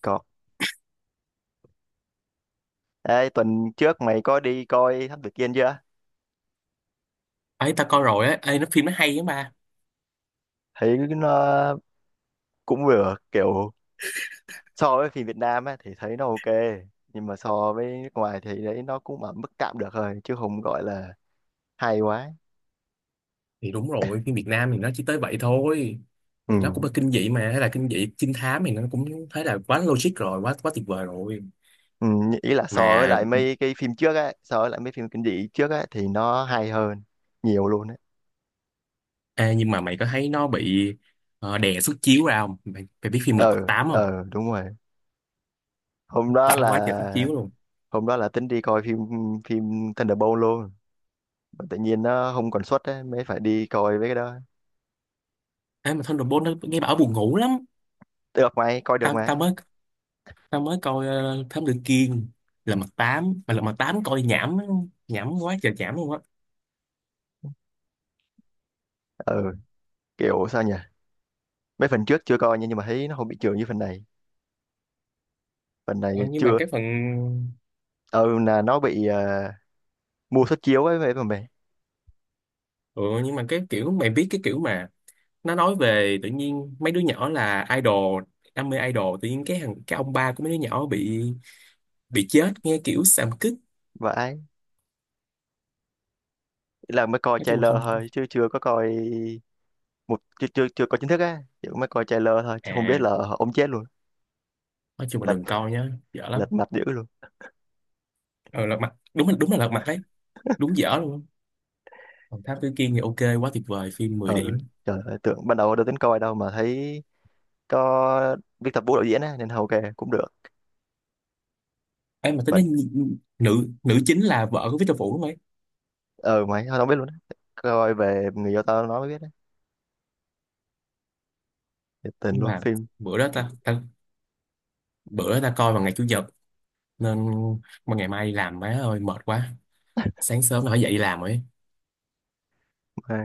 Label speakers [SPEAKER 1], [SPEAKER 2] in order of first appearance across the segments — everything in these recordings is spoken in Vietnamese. [SPEAKER 1] Có. Ê, tuần trước mày có đi coi Thám Tử Kiên chưa?
[SPEAKER 2] Ấy ta coi rồi á. Ê, nó phim nó hay lắm ba.
[SPEAKER 1] Thấy nó cũng vừa kiểu so với phim Việt Nam á thì thấy nó ok. Nhưng mà so với nước ngoài thì đấy nó cũng ở mức tạm được thôi chứ không gọi là hay quá.
[SPEAKER 2] Thì đúng rồi, phim Việt Nam thì nó chỉ tới vậy thôi.
[SPEAKER 1] Ừ.
[SPEAKER 2] Thì nó cũng là kinh dị mà, hay là kinh dị trinh thám, thì nó cũng thấy là quá logic rồi, quá quá tuyệt vời rồi
[SPEAKER 1] Ừ. Ý là so với
[SPEAKER 2] mà.
[SPEAKER 1] lại mấy cái phim trước á, so với lại mấy phim kinh dị trước á thì nó hay hơn nhiều luôn á.
[SPEAKER 2] Ê, nhưng mà mày có thấy nó bị đè xuất chiếu ra không mày? Mày biết phim Lật Mặt
[SPEAKER 1] Ờ,
[SPEAKER 2] Tám không?
[SPEAKER 1] ờ đúng rồi. Hôm đó
[SPEAKER 2] Tao thấy quá
[SPEAKER 1] là
[SPEAKER 2] trời xuất chiếu luôn.
[SPEAKER 1] hôm đó là tính đi coi phim phim Thunderbolt luôn. Mà tự nhiên nó không còn suất á mới phải đi coi với cái đó.
[SPEAKER 2] Ê, mà Thunderbolt nó nghe bảo buồn ngủ lắm.
[SPEAKER 1] Được mày, coi được
[SPEAKER 2] tao tao
[SPEAKER 1] mà.
[SPEAKER 2] mới tao mới coi Thám Tử Kiên. Lật Mặt Tám, mà Lật Mặt Tám coi nhảm, nhảm quá trời nhảm luôn á.
[SPEAKER 1] Ừ, kiểu sao nhỉ? Mấy phần trước chưa coi nha, nhưng mà thấy nó không bị trường như phần này. Phần này
[SPEAKER 2] Ờ, nhưng mà
[SPEAKER 1] chưa.
[SPEAKER 2] cái phần,
[SPEAKER 1] Ừ là nó bị mua suất chiếu ấy vậy mà mày.
[SPEAKER 2] ừ, nhưng mà cái kiểu mày biết, cái kiểu mà nó nói về tự nhiên mấy đứa nhỏ là idol, đam mê idol, tự nhiên cái thằng, cái ông ba của mấy đứa nhỏ bị chết, nghe kiểu xàm kích.
[SPEAKER 1] Vãi, là mới coi
[SPEAKER 2] Nói chung là
[SPEAKER 1] trailer
[SPEAKER 2] không.
[SPEAKER 1] thôi chứ chưa có coi một chưa chưa chưa coi chính thức á, chỉ mới coi trailer thôi chứ không biết
[SPEAKER 2] À,
[SPEAKER 1] là ông chết luôn.
[SPEAKER 2] nói chung là
[SPEAKER 1] Lật
[SPEAKER 2] đừng coi nhá, dở lắm.
[SPEAKER 1] lật mặt dữ luôn.
[SPEAKER 2] Ờ, lật mặt đúng là, đúng là lật mặt đấy, đúng dở luôn. Còn Thám Tử Kiên thì ok, quá tuyệt vời, phim 10
[SPEAKER 1] Ừ,
[SPEAKER 2] điểm.
[SPEAKER 1] trời ơi, tưởng ban đầu đâu tính coi đâu mà thấy có Viết Tập Vũ đạo diễn á nên hầu kề cũng được.
[SPEAKER 2] Ấy mà tính
[SPEAKER 1] Mình
[SPEAKER 2] nói nhi- nữ nữ chính là vợ của Victor Vũ đúng không ấy?
[SPEAKER 1] ờ mày tao không biết luôn á. Coi về người yêu tao nó mới biết á. Thiệt Tình
[SPEAKER 2] Nhưng
[SPEAKER 1] luôn
[SPEAKER 2] mà
[SPEAKER 1] phim.
[SPEAKER 2] bữa đó ta, ta bữa đó ta coi vào ngày chủ nhật nên, mà ngày mai đi làm, má ơi mệt quá, sáng sớm là phải dậy đi làm ấy.
[SPEAKER 1] À,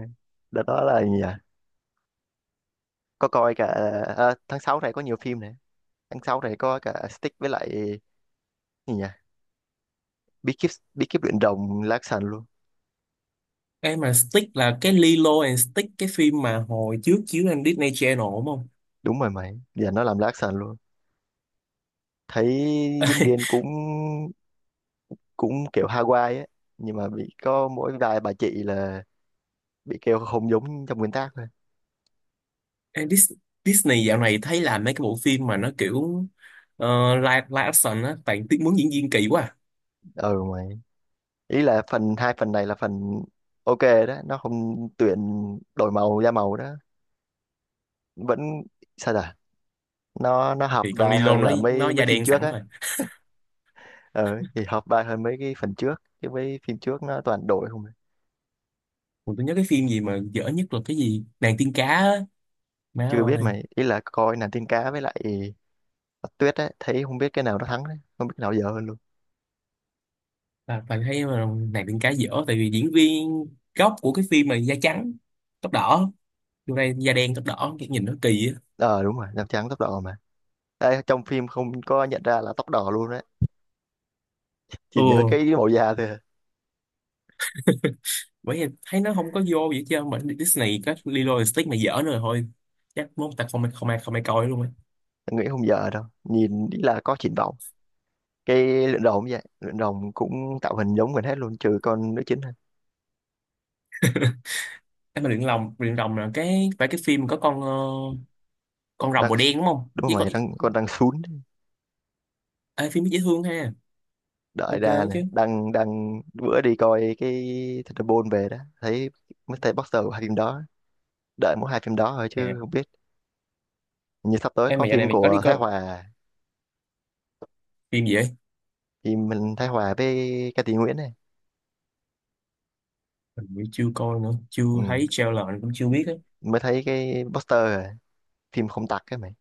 [SPEAKER 1] đợt đó là gì nhỉ, có coi cả, à, tháng 6 này có nhiều phim này. Tháng 6 này có cả Stick với lại gì nhỉ, bí kíp, bí kíp luyện đồng lá sàn luôn.
[SPEAKER 2] Cái mà Stick là cái Lilo and Stick, cái phim mà hồi trước chiếu trên Disney Channel đúng không?
[SPEAKER 1] Đúng rồi mày, giờ nó làm lá sàn luôn. Thấy diễn viên cũng cũng kiểu Hawaii ấy, nhưng mà bị có mỗi vài bà chị là bị kêu không giống trong nguyên tác thôi.
[SPEAKER 2] Em Dis- Disney dạo này thấy làm mấy cái bộ phim mà nó kiểu live, live action á, toàn tiếng muốn diễn viên kỳ quá à.
[SPEAKER 1] Ừ mày, ý là phần hai phần này là phần ok đó. Nó không tuyển đổi màu da màu đó, vẫn sao ta, nó hợp
[SPEAKER 2] Thì con
[SPEAKER 1] vai
[SPEAKER 2] Lilo
[SPEAKER 1] hơn
[SPEAKER 2] nó
[SPEAKER 1] là
[SPEAKER 2] nó
[SPEAKER 1] mấy mấy
[SPEAKER 2] da
[SPEAKER 1] phim
[SPEAKER 2] đen
[SPEAKER 1] trước
[SPEAKER 2] sẵn
[SPEAKER 1] á.
[SPEAKER 2] rồi.
[SPEAKER 1] Ờ thì hợp vai hơn mấy cái phần trước, chứ mấy phim trước nó toàn đổi không à.
[SPEAKER 2] Còn tôi nhớ cái phim gì mà dở nhất là cái gì? Nàng tiên cá á. Má
[SPEAKER 1] Chưa biết
[SPEAKER 2] ơi,
[SPEAKER 1] mày, ý là coi nàng tiên cá với lại Bạch Tuyết ấy, thấy không biết cái nào nó thắng đấy, không biết cái nào dở hơn luôn.
[SPEAKER 2] là toàn thấy mà, nàng tiên cá dở tại vì diễn viên gốc của cái phim mà da trắng, tóc đỏ. Vô đây da đen tóc đỏ, cái nhìn nó kỳ á.
[SPEAKER 1] Ờ đúng rồi, nàng trắng tóc đỏ mà. Ê, trong phim không có nhận ra là tóc đỏ luôn đấy, chỉ nhớ
[SPEAKER 2] Ừ,
[SPEAKER 1] cái màu da thôi à.
[SPEAKER 2] bởi vì thấy nó không có vô vậy, chứ mà Disney có Lilo and Stitch mà dở nữa rồi thôi, chắc muốn ta không không ai không ai coi luôn á.
[SPEAKER 1] Nghĩ không dở đâu, nhìn ý là có triển vọng. Cái luyện đồng cũng vậy, luyện đồng cũng tạo hình giống mình hết luôn trừ con nữ chính thôi.
[SPEAKER 2] Em mà luyện lòng luyện rồng là cái, phải cái phim có con con rồng
[SPEAKER 1] Đang
[SPEAKER 2] màu đen đúng không,
[SPEAKER 1] đúng
[SPEAKER 2] với
[SPEAKER 1] rồi mày,
[SPEAKER 2] con.
[SPEAKER 1] răng con răng sún.
[SPEAKER 2] Ê, phim dễ thương ha.
[SPEAKER 1] Đợi
[SPEAKER 2] Ok
[SPEAKER 1] ra nè,
[SPEAKER 2] chứ.
[SPEAKER 1] đang đang bữa đi coi cái Thunderbolt về đó, thấy Mr. Boxer của hai phim đó. Đợi mỗi hai phim đó thôi chứ
[SPEAKER 2] Nè,
[SPEAKER 1] không biết. Như sắp tới
[SPEAKER 2] em
[SPEAKER 1] có
[SPEAKER 2] mà giờ này
[SPEAKER 1] phim
[SPEAKER 2] mình có đi
[SPEAKER 1] của Thái
[SPEAKER 2] coi
[SPEAKER 1] Hòa.
[SPEAKER 2] phim gì vậy?
[SPEAKER 1] Phim mình Thái Hòa với Ca Sĩ Nguyễn này.
[SPEAKER 2] Mình cũng chưa coi nữa, chưa
[SPEAKER 1] Ừ.
[SPEAKER 2] thấy trailer mình cũng chưa biết á.
[SPEAKER 1] Mới thấy cái poster rồi, phim không tặc cái mày.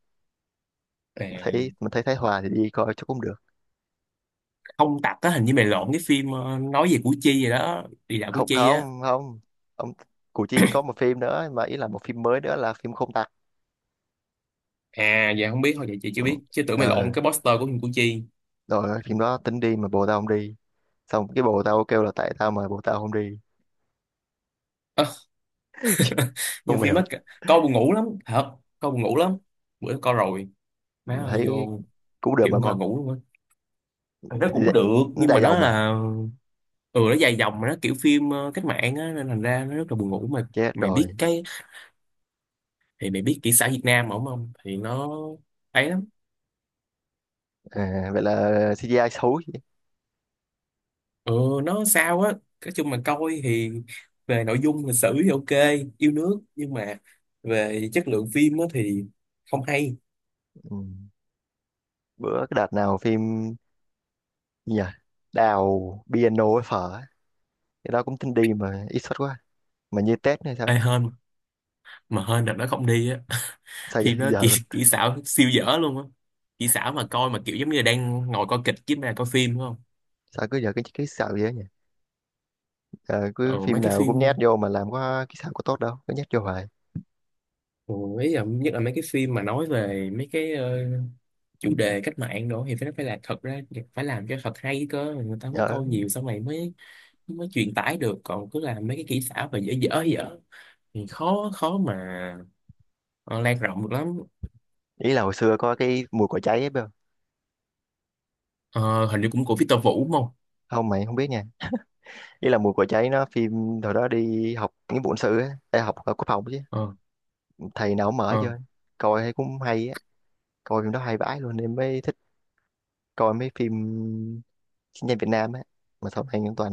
[SPEAKER 1] Mà
[SPEAKER 2] Nè,
[SPEAKER 1] thấy mà thấy Thái Hòa thì đi coi cho cũng được.
[SPEAKER 2] không tặc á, hình như mày lộn cái phim nói về Củ Chi vậy đó, đi dạo Củ
[SPEAKER 1] Không
[SPEAKER 2] Chi á.
[SPEAKER 1] không không, ông Củ Chi có một phim nữa, mà ý là một phim mới nữa là phim không tặc.
[SPEAKER 2] À, dạ không biết, thôi vậy chị chưa
[SPEAKER 1] Ừ.
[SPEAKER 2] biết, chứ tưởng mày lộn
[SPEAKER 1] Ờ,
[SPEAKER 2] cái poster của phim Củ Chi.
[SPEAKER 1] rồi phim đó tính đi mà bồ tao không đi, xong cái bồ tao kêu là tại tao mà bồ tao không đi.
[SPEAKER 2] Nhiều
[SPEAKER 1] Không
[SPEAKER 2] phim
[SPEAKER 1] hiểu.
[SPEAKER 2] mất. Coi buồn ngủ lắm thật, coi buồn ngủ lắm. Bữa đó coi rồi, má ơi
[SPEAKER 1] Thấy
[SPEAKER 2] vô
[SPEAKER 1] cú đượm
[SPEAKER 2] kiểu
[SPEAKER 1] lắm
[SPEAKER 2] ngồi
[SPEAKER 1] không.
[SPEAKER 2] ngủ luôn á. Thằng đó cũng được,
[SPEAKER 1] Nó
[SPEAKER 2] nhưng
[SPEAKER 1] dài
[SPEAKER 2] mà nó
[SPEAKER 1] dòng mà.
[SPEAKER 2] là, ừ nó dài dòng mà, nó kiểu phim cách mạng á, nên thành ra nó rất là buồn ngủ mà.
[SPEAKER 1] Chết
[SPEAKER 2] Mày biết
[SPEAKER 1] rồi.
[SPEAKER 2] cái, thì mày biết kỹ xã Việt Nam mà, không không thì nó ấy lắm.
[SPEAKER 1] À, vậy là CGI xấu chứ.
[SPEAKER 2] Ừ, nó sao á. Nói chung mà coi thì về nội dung lịch sử thì ok, yêu nước, nhưng mà về chất lượng phim á thì không hay.
[SPEAKER 1] Ừ. Bữa cái đợt nào phim gì nhỉ, đào piano với phở ấy, cái đó cũng tin đi mà ít xuất quá, mà như Tết hay
[SPEAKER 2] Ê
[SPEAKER 1] sao.
[SPEAKER 2] hên, mà hên đợt nó không đi á.
[SPEAKER 1] Sao giờ,
[SPEAKER 2] Phim nó
[SPEAKER 1] giờ
[SPEAKER 2] kỹ,
[SPEAKER 1] luôn.
[SPEAKER 2] kỹ xảo siêu dở luôn á. Kỹ xảo mà coi mà kiểu giống như là đang ngồi coi kịch chứ, mà coi phim đúng không.
[SPEAKER 1] Sao cứ giờ cái xạo vậy nhỉ? Ờ, cứ
[SPEAKER 2] Ờ, mấy
[SPEAKER 1] phim
[SPEAKER 2] cái
[SPEAKER 1] nào cũng nhét
[SPEAKER 2] phim,
[SPEAKER 1] vô mà làm có cái xạo có tốt đâu, cứ nhét vô hoài.
[SPEAKER 2] ừ, ý là nhất là mấy cái phim mà nói về mấy cái chủ đề cách mạng đồ, thì phải, nó phải là, thật ra phải làm cho thật hay cơ, người ta mới
[SPEAKER 1] Ờ,
[SPEAKER 2] coi nhiều, xong rồi mới, mới truyền tải được. Còn cứ làm mấy cái kỹ xảo và dở dở dở thì khó, khó mà ờ, lan rộng được lắm.
[SPEAKER 1] ý là hồi xưa có cái mùi cỏ cháy ấy biết không.
[SPEAKER 2] Ờ, hình như cũng của Victor Vũ đúng không.
[SPEAKER 1] Không mày không biết nha, ý là mùi cỏ cháy nó phim hồi đó đi học nghĩa vụ quân sự á. Ê, học ở quốc phòng chứ,
[SPEAKER 2] Ờ.
[SPEAKER 1] thầy nào cũng mở chơi, coi thấy cũng hay á. Coi phim đó hay vãi luôn, em mới thích coi mấy phim chiến tranh Việt Nam á, mà sau này những toàn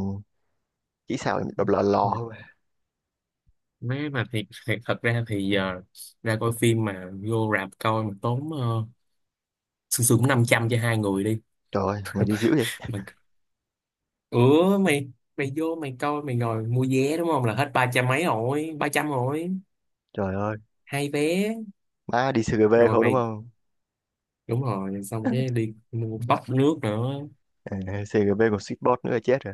[SPEAKER 1] chỉ sao em đọc lò
[SPEAKER 2] Ờ.
[SPEAKER 1] lò thôi mà.
[SPEAKER 2] Nếu mà thiệt, thiệt thật ra thì giờ ra coi phim mà vô rạp coi mà tốn sương sương cũng 500 cho hai người đi.
[SPEAKER 1] Trời ơi mày đi dữ vậy.
[SPEAKER 2] Mà, ủa mày, mày vô mày coi mày ngồi mua vé đúng không, là hết ba trăm mấy rồi, ba trăm rồi,
[SPEAKER 1] Trời ơi,
[SPEAKER 2] hai vé.
[SPEAKER 1] má đi CGV
[SPEAKER 2] Rồi
[SPEAKER 1] không đúng
[SPEAKER 2] mày,
[SPEAKER 1] không?
[SPEAKER 2] đúng rồi, xong cái đi mua bắp nước nữa.
[SPEAKER 1] À, CGV còn Sweetbot nữa là chết rồi.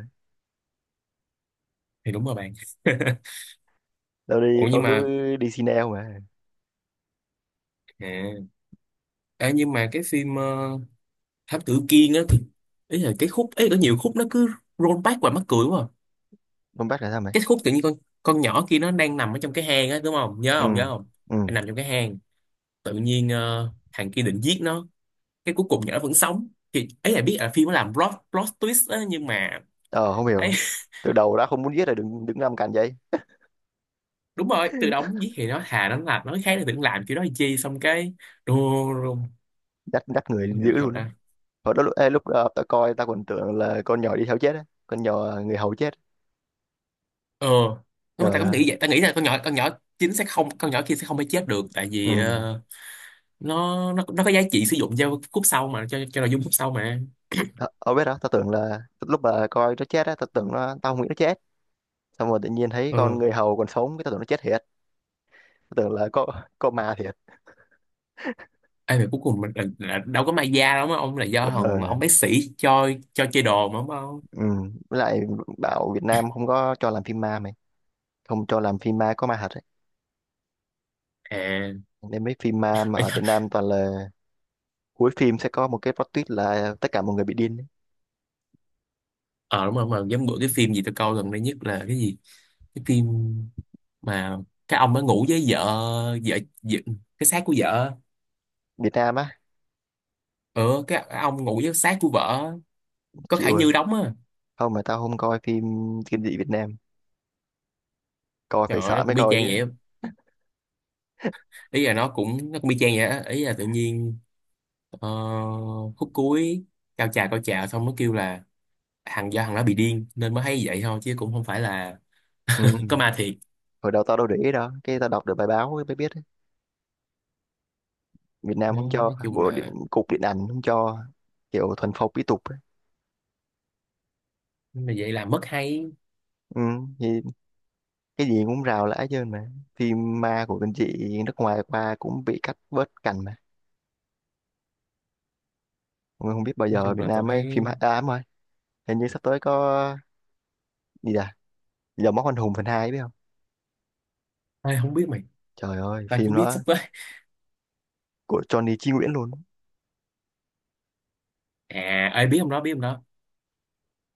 [SPEAKER 2] Thì đúng rồi bạn.
[SPEAKER 1] Tao đi
[SPEAKER 2] Ủa
[SPEAKER 1] tao
[SPEAKER 2] nhưng
[SPEAKER 1] cứ
[SPEAKER 2] mà,
[SPEAKER 1] đi Cine mà.
[SPEAKER 2] à, à, nhưng mà cái phim Thám Tử Kiên á thì, ý là cái khúc ấy có nhiều khúc nó cứ roll back và mắc cười quá à.
[SPEAKER 1] Không bắt là sao mày?
[SPEAKER 2] Cái khúc tự nhiên con nhỏ kia nó đang nằm ở trong cái hang á đúng không, nhớ
[SPEAKER 1] ừ
[SPEAKER 2] không nhớ không?
[SPEAKER 1] ừ
[SPEAKER 2] Nó nằm trong cái hang, tự nhiên thằng kia định giết nó, cái cuối cùng nhỏ vẫn sống, thì ấy là biết là phim nó làm plot plot twist á, nhưng mà
[SPEAKER 1] Ờ không
[SPEAKER 2] ấy.
[SPEAKER 1] hiểu, từ đầu đã không muốn giết rồi đừng đứng làm cạnh vậy.
[SPEAKER 2] Đúng rồi, từ đó giết thì nó, thà nó làm nói khác, thì đừng làm kiểu đó làm chi, xong cái run run.
[SPEAKER 1] Đắt đắt người
[SPEAKER 2] Nhưng
[SPEAKER 1] dữ
[SPEAKER 2] mà thật
[SPEAKER 1] luôn á.
[SPEAKER 2] ra,
[SPEAKER 1] Hồi đó lúc lúc tao coi tao còn tưởng là con nhỏ đi theo chết á, con nhỏ người hầu chết.
[SPEAKER 2] ờ nếu mà ta
[SPEAKER 1] Trời
[SPEAKER 2] cũng
[SPEAKER 1] ơi.
[SPEAKER 2] nghĩ vậy, ta nghĩ là con nhỏ, con nhỏ chính sẽ không, con nhỏ kia sẽ không phải chết được, tại
[SPEAKER 1] Ừ.
[SPEAKER 2] vì nó có giá trị sử dụng cho khúc sau mà, cho nội dung khúc sau mà.
[SPEAKER 1] Ờ, ở biết đó, tao tưởng là lúc mà coi nó chết á, tao tưởng nó, tao không nghĩ nó chết. Xong rồi tự nhiên thấy
[SPEAKER 2] Ờ.
[SPEAKER 1] con người hầu còn sống, cái tao tưởng nó chết thiệt. Tao tưởng là có ma thiệt.
[SPEAKER 2] Ê, mà cuối cùng mình là đâu có may da đâu, mà ông là do
[SPEAKER 1] Ờ,
[SPEAKER 2] thằng ông bác sĩ cho chơi đồ mà đúng không?
[SPEAKER 1] ừ. Với lại bảo Việt Nam không có cho làm phim ma mày, không cho làm phim ma có ma thật ấy.
[SPEAKER 2] À,
[SPEAKER 1] Nên mấy phim ma mà ở Việt Nam toàn là cuối phim sẽ có một cái plot twist là tất cả mọi người bị điên ấy.
[SPEAKER 2] ờ đúng rồi, mà giống bữa cái phim gì tôi coi gần đây nhất là cái gì? Cái phim mà cái ông đã ngủ với vợ, vợ cái xác của vợ.
[SPEAKER 1] Việt Nam á,
[SPEAKER 2] Ừ, cái ông ngủ với xác của vợ có
[SPEAKER 1] chịu
[SPEAKER 2] Khải
[SPEAKER 1] rồi.
[SPEAKER 2] Như đóng á.
[SPEAKER 1] Không mà tao không coi phim kinh dị Việt Nam, coi
[SPEAKER 2] Trời
[SPEAKER 1] phải
[SPEAKER 2] ơi, nó
[SPEAKER 1] sợ mới
[SPEAKER 2] cũng y
[SPEAKER 1] coi
[SPEAKER 2] chang vậy
[SPEAKER 1] chứ.
[SPEAKER 2] á. Ý là nó cũng, nó cũng y chang vậy á. Ý là tự nhiên ờ, khúc cuối cao trào, cao trào xong nó kêu là thằng, do thằng đó bị điên nên mới thấy vậy thôi, chứ cũng không phải là
[SPEAKER 1] Ừ.
[SPEAKER 2] có ma thiệt.
[SPEAKER 1] Hồi đầu tao đâu để ý đâu, cái tao đọc được bài báo mới biết Việt
[SPEAKER 2] Ừ,
[SPEAKER 1] Nam không
[SPEAKER 2] nói,
[SPEAKER 1] cho
[SPEAKER 2] nói chung
[SPEAKER 1] bộ điện,
[SPEAKER 2] là,
[SPEAKER 1] cục điện ảnh không cho, kiểu thuần phong mỹ tục ấy.
[SPEAKER 2] mà vậy là mất hay.
[SPEAKER 1] Ừ, thì cái gì cũng rào lã chứ mà, phim ma của bên chị nước ngoài qua cũng bị cắt bớt cảnh mà. Mà không biết bao
[SPEAKER 2] Nói
[SPEAKER 1] giờ
[SPEAKER 2] chung
[SPEAKER 1] Việt
[SPEAKER 2] là tôi
[SPEAKER 1] Nam mới
[SPEAKER 2] thấy.
[SPEAKER 1] phim hạ ám đúng rồi. Hình như sắp tới có gì à, giờ Móc Anh Hùng phần 2 biết không.
[SPEAKER 2] Ê, không biết mày,
[SPEAKER 1] Trời ơi
[SPEAKER 2] tao
[SPEAKER 1] phim
[SPEAKER 2] chỉ biết sắp
[SPEAKER 1] đó
[SPEAKER 2] tới.
[SPEAKER 1] của Johnny Chí Nguyễn luôn.
[SPEAKER 2] À ơi biết ông đó, biết ông đó.